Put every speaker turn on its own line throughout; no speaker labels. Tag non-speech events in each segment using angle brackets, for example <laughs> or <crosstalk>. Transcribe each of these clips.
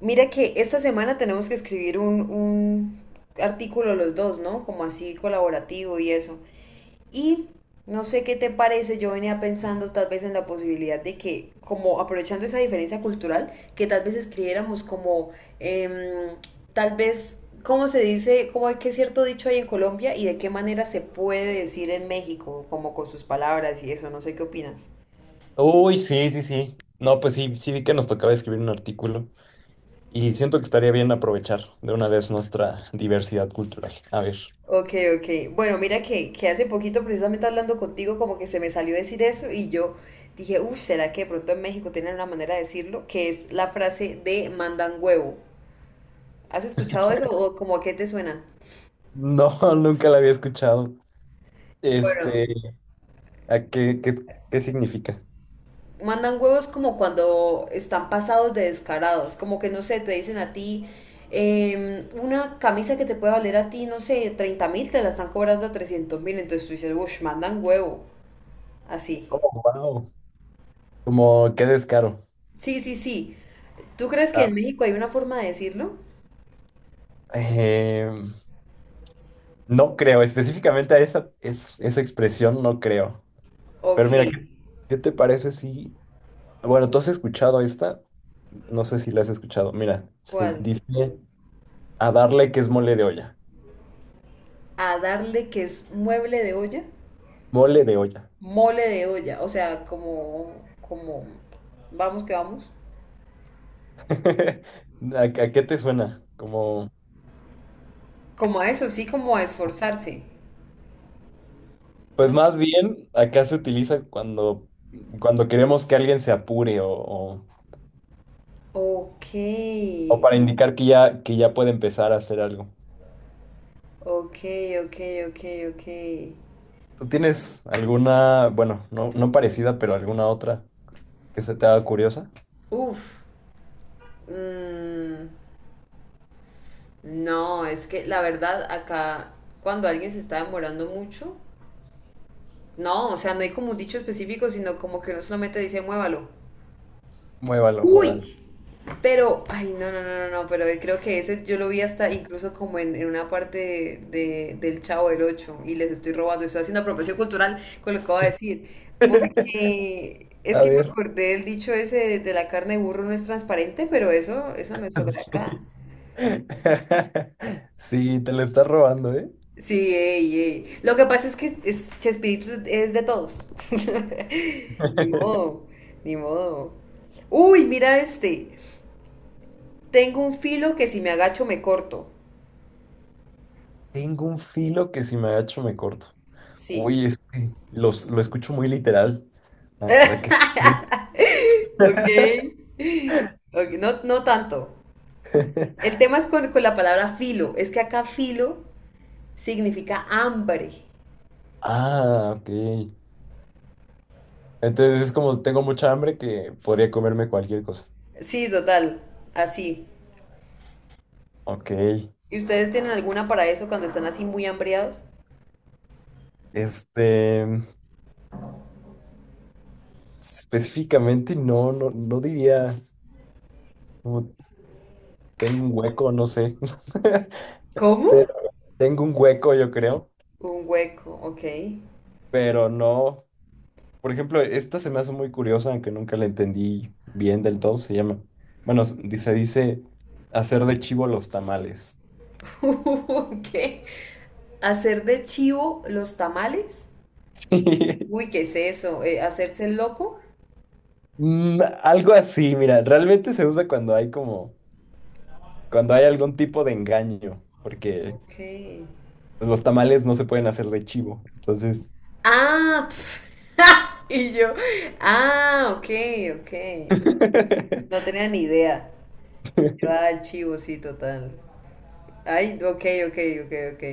Mira que esta semana tenemos que escribir un artículo los dos, ¿no? Como así colaborativo y eso. Y no sé qué te parece, yo venía pensando tal vez en la posibilidad de que, como aprovechando esa diferencia cultural, que tal vez escribiéramos como, em, tal vez, ¿cómo se dice? ¿Cómo hay que cierto dicho hay en Colombia y de qué manera se puede decir en México, como con sus palabras y eso? No sé qué opinas.
Uy, sí, sí, sí. No, pues sí, sí vi que nos tocaba escribir un artículo y siento que estaría bien aprovechar de una vez nuestra diversidad cultural. A ver.
Ok, ok. Bueno, mira que hace poquito, precisamente hablando contigo, como que se me salió decir eso y yo dije, uff, ¿será que de pronto en México tienen una manera de decirlo? Que es la frase de mandan huevo. ¿Has escuchado eso o como a qué te suena?
No, <laughs> nunca la había escuchado.
Bueno,
Este, ¿A qué, qué significa?
mandan huevos como cuando están pasados de descarados, como que no sé, te dicen a ti una camisa que te puede valer a ti, no sé, 30.000, te la están cobrando a 300 mil, entonces tú dices, uff, mandan huevo, así.
Oh, wow. Como qué descaro.
Sí, sí, sí. ¿Tú crees que en
Ah,
México hay una forma de decirlo?
eh, no creo, específicamente a esa, esa expresión no creo.
Ok,
Pero mira, qué te parece si... Bueno, ¿tú has escuchado esta? No sé si la has escuchado. Mira, se
¿cuál?
dice... A darle que es mole de olla.
A darle que es mueble de olla,
Mole de olla.
mole de olla, o sea, como, vamos que vamos.
<laughs> ¿A qué te suena? Como,
Como a eso, sí, como a esforzarse,
pues
¿no?
más bien acá se utiliza cuando, cuando queremos que alguien se apure o
Ok,
o para indicar que ya puede empezar a hacer algo.
ok, ok, ok, ok.
¿Tú tienes alguna, bueno, no, no parecida, pero alguna otra que se te haga curiosa?
Uf, mm, no, es que la verdad acá, cuando alguien se está demorando mucho, no, o sea, no hay como un dicho específico, sino como que uno solamente dice muévalo.
Muévalo, muévalo.
¡Uy! Pero, ay, no, no, no, no, no, pero creo que ese yo lo vi hasta incluso como en una parte del Chavo del Ocho y les estoy robando, estoy haciendo apropiación cultural con lo que voy a decir, porque
<laughs>
es
A
que me
ver.
acordé del dicho ese de la carne de burro no es transparente, pero eso no es solo de acá.
<laughs> Sí, te lo estás robando, ¿eh?
Sí, ey, ey. Lo que pasa es que Chespirito es de todos. <laughs> Ni modo, ni modo. Uy, mira este. Tengo un filo que si me agacho me corto.
Tengo un filo que si me agacho me corto.
Sí.
Uy, es que lo escucho muy literal. Ah, ¿a qué?
<laughs> Ok. Ok, no, no tanto.
<laughs>
El tema es con la palabra filo. Es que acá filo significa hambre.
Ah, ok. Entonces es como tengo mucha hambre que podría comerme cualquier cosa.
Sí, total. Así.
Ok.
¿Y ustedes tienen alguna para eso cuando están así muy hambreados?
Este, específicamente no, no, no diría como tengo un hueco, no sé. <laughs>
¿Cómo?
Pero tengo un hueco, yo creo.
Un hueco, ok.
Pero no. Por ejemplo, esta se me hace muy curiosa, aunque nunca la entendí bien del todo. Se llama. Bueno, dice hacer de chivo los tamales.
<laughs> Ok. Hacer de chivo los tamales. Uy,
<laughs>
¿qué es eso? ¿Hacerse el loco?
Mm, algo así, mira, realmente se usa cuando hay como, cuando hay algún tipo de engaño, porque
Ok.
pues, los tamales no se pueden hacer de chivo, entonces.
Ah, <laughs> y yo, ah, ok, ok. No
<laughs>
tenía ni idea. Yo, el chivo, sí, total. Ay, ok, ok, ok, ok.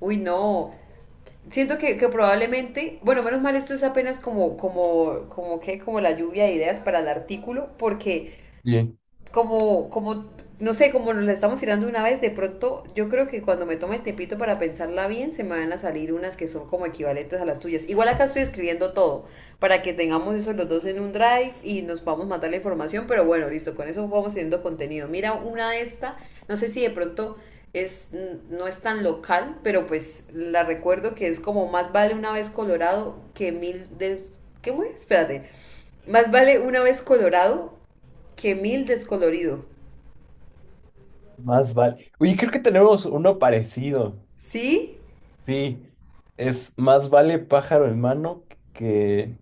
Uy, no. Siento que probablemente, bueno, menos mal esto es apenas como, como la lluvia de ideas para el artículo, porque
Bien.
como, como, no sé, como nos la estamos tirando una vez, de pronto yo creo que cuando me tome el tiempito para pensarla bien, se me van a salir unas que son como equivalentes a las tuyas. Igual acá estoy escribiendo todo, para que tengamos eso los dos en un drive y nos vamos a matar la información, pero bueno, listo, con eso vamos teniendo contenido. Mira una de esta, no sé si de pronto es, no es tan local, pero pues la recuerdo que es como más vale una vez Colorado que mil de... ¿Qué fue? Espérate. Más vale una vez Colorado que mil descolorido.
Más vale. Oye, creo que tenemos uno parecido.
Sí,
Sí, es más vale pájaro en mano que...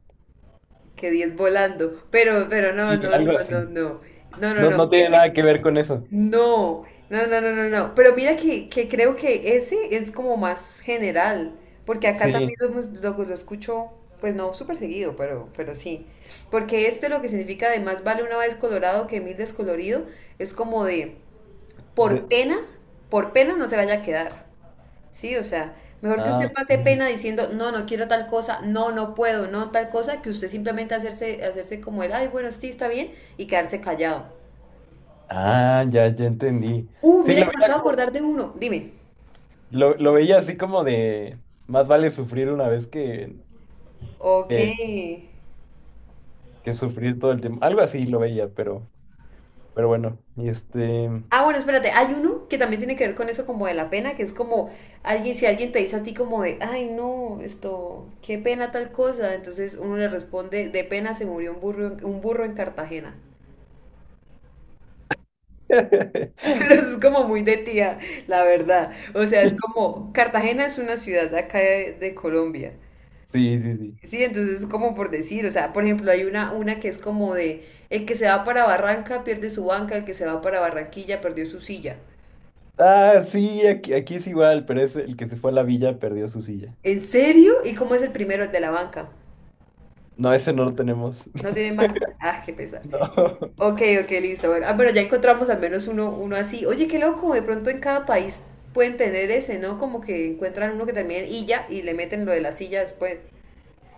que diez volando. Pero no,
Sí,
no,
algo
no, no,
así.
no. No, no,
No,
no.
no tiene nada que
Ese,
ver con eso.
no. No, no, no, no, no. Pero mira que creo que ese es como más general. Porque acá
Sí.
también lo escucho, pues no súper seguido, pero sí. Porque este lo que significa de más vale una vez colorado que mil descolorido es como de por
de-
pena, por pena no se vaya a quedar. Sí, o sea, mejor que
Ah,
usted pase
ok.
pena diciendo, no, no quiero tal cosa, no, no puedo, no tal cosa, que usted simplemente hacerse como el, ay, bueno, sí, está bien, y quedarse callado.
Ah, ya, ya entendí.
Uh,
Sí,
mira
lo
que me
veía.
acabo de acordar de uno, dime.
Lo veía así como de, más vale sufrir una vez
Ok.
que, que sufrir todo el tiempo. Algo así lo veía, pero bueno, y este...
Ah, bueno, espérate, hay uno que también tiene que ver con eso como de la pena, que es como si alguien te dice a ti como de, ay, no, esto, qué pena tal cosa, entonces uno le responde, de pena se murió un burro en Cartagena. <laughs>
<laughs>
Pero es como muy de tía, la verdad. O sea, es como, Cartagena es una ciudad de acá de Colombia.
Sí, sí, sí.
Sí, entonces es como por decir, o sea, por ejemplo, hay una que es como de, el que se va para Barranca pierde su banca, el que se va para Barranquilla perdió su silla.
Ah, sí, aquí es igual, pero es el que se fue a la villa perdió su silla.
¿En serio? ¿Y cómo es el primero, el de la banca?
No, ese no lo tenemos.
¿No
<laughs>
tienen banca? Ah, qué pesar.
No.
Ok, ok, listo. Bueno, ah, bueno, ya encontramos al menos uno, uno así. Oye, qué loco, de pronto en cada país pueden tener ese, ¿no? Como que encuentran uno que termina en illa y le meten lo de la silla después.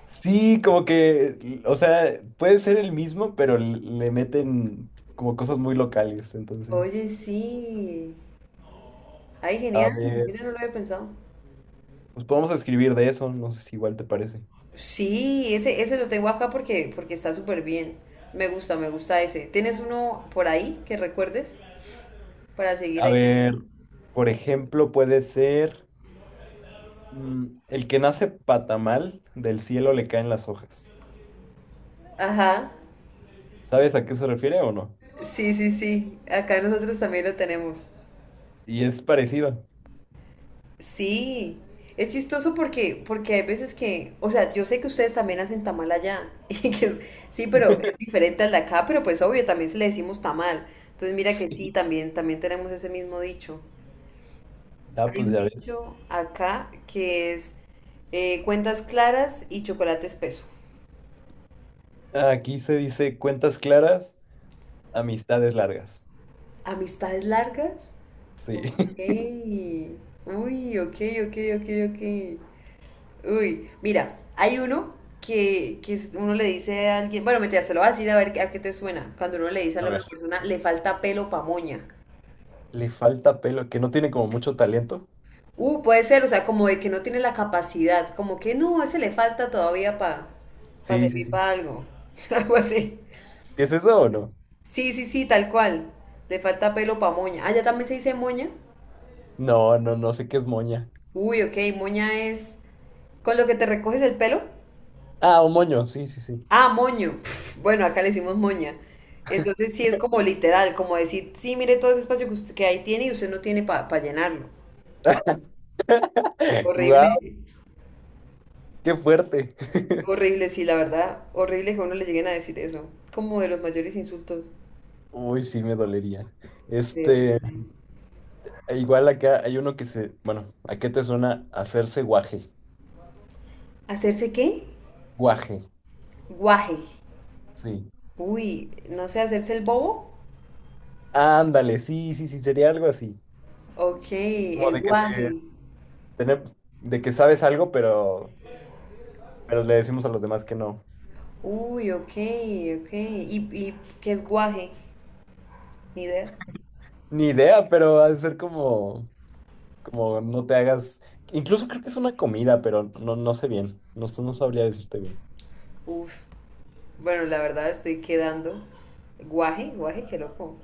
Sí, como que, o sea, puede ser el mismo, pero l- le meten como cosas muy locales. Entonces,
Oye, sí. Ay,
a
genial.
ver,
Mira, no lo había pensado.
pues podemos escribir de eso, no sé si igual te parece.
Sí, ese lo tengo acá porque está súper bien. Me gusta ese. ¿Tienes uno por ahí que recuerdes para seguir
A
ahí?
ver, por ejemplo, puede ser el que nace patamal, del cielo le caen las hojas.
Ajá.
¿Sabes a qué se refiere o no?
Sí, sí, sí. Acá nosotros también lo tenemos.
Y es parecido.
Sí. Es chistoso porque hay veces que, o sea, yo sé que ustedes también hacen tamal allá, <laughs> sí, pero es diferente al de acá, pero pues obvio, también se le decimos tamal. Entonces mira que sí, también tenemos ese mismo dicho.
Ah,
Hay
pues
un
ya ves.
dicho acá que es cuentas claras y chocolate espeso.
Aquí se dice cuentas claras, amistades largas.
¿Amistades largas?
Sí.
Ok.
<laughs>
Uy, ok, ok, ok, ok. Uy, mira, hay uno uno le dice a alguien, bueno, mentira, se lo voy a decir a ver a qué te suena. Cuando uno le dice a
A
una
ver.
persona, le falta pelo pa' moña.
Le falta pelo, que no tiene como mucho talento.
Puede ser, o sea, como de que no tiene la capacidad, como que no, ese le falta todavía para
Sí, sí,
servir
sí.
para algo. <laughs> Algo así.
¿Sí es eso o no?
Sí, sí, sí, tal cual. Le falta pelo pa' moña. Ah, ya también se dice moña.
No, no, no sé qué es moña.
Uy, ok, moña es con lo que te recoges el pelo.
Ah, un moño, sí, sí, sí.
Ah, moño. <laughs> Bueno, acá le decimos moña. Entonces sí es como literal, como decir, sí, mire todo ese espacio que, usted, que ahí tiene y usted no tiene para llenarlo.
<laughs>
Horrible,
¡Guau! ¡Qué fuerte! <laughs>
horrible, sí, la verdad, horrible que a uno le lleguen a decir eso. Como de los mayores insultos.
Uy, sí, me dolería.
Sí,
Este.
horrible.
E Igual acá hay uno que se, bueno, ¿a qué te suena hacerse guaje?
¿Hacerse qué?
Guaje,
Guaje.
sí.
Uy, no sé, hacerse el bobo.
Ándale, sí, sí, sí, sería algo así.
Ok,
Como
el
de que te,
guaje.
tenemos- de que sabes algo, pero le decimos a los demás que no.
Uy, ok, ok. ¿Y qué es guaje? Ni idea.
Ni idea, pero ha de ser como, como no te hagas. Incluso creo que es una comida, pero no, no sé bien. No, no sabría decirte bien.
Uf. Bueno, la verdad estoy quedando. Guaje, guaje, qué loco.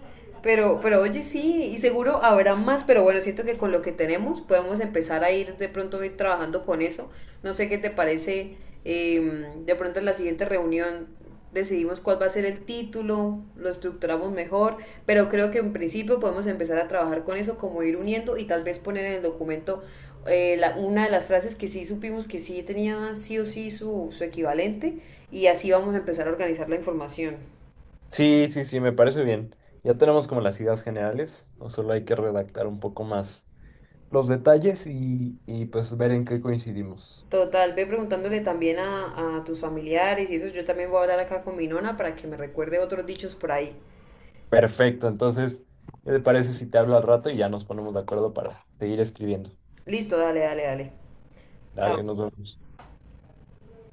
Pero oye, sí, y seguro habrá más, pero bueno, siento que con lo que tenemos podemos empezar a ir de pronto a ir trabajando con eso. No sé qué te parece, de pronto en la siguiente reunión decidimos cuál va a ser el título, lo estructuramos mejor, pero creo que en principio podemos empezar a trabajar con eso, como ir uniendo y tal vez poner en el documento una de las frases que sí supimos que sí tenía sí o sí su equivalente y así vamos a empezar a organizar la información.
Sí, sí, sí, me parece bien. Ya tenemos como las ideas generales, o solo hay que redactar un poco más los detalles y pues ver en qué coincidimos.
Total, ve preguntándole también a tus familiares y eso, yo también voy a hablar acá con mi nona para que me recuerde otros dichos por ahí.
Perfecto, entonces, ¿qué te parece si te hablo al rato y ya nos ponemos de acuerdo para seguir escribiendo?
Listo, dale, dale, dale. Chao.
Dale, nos vemos.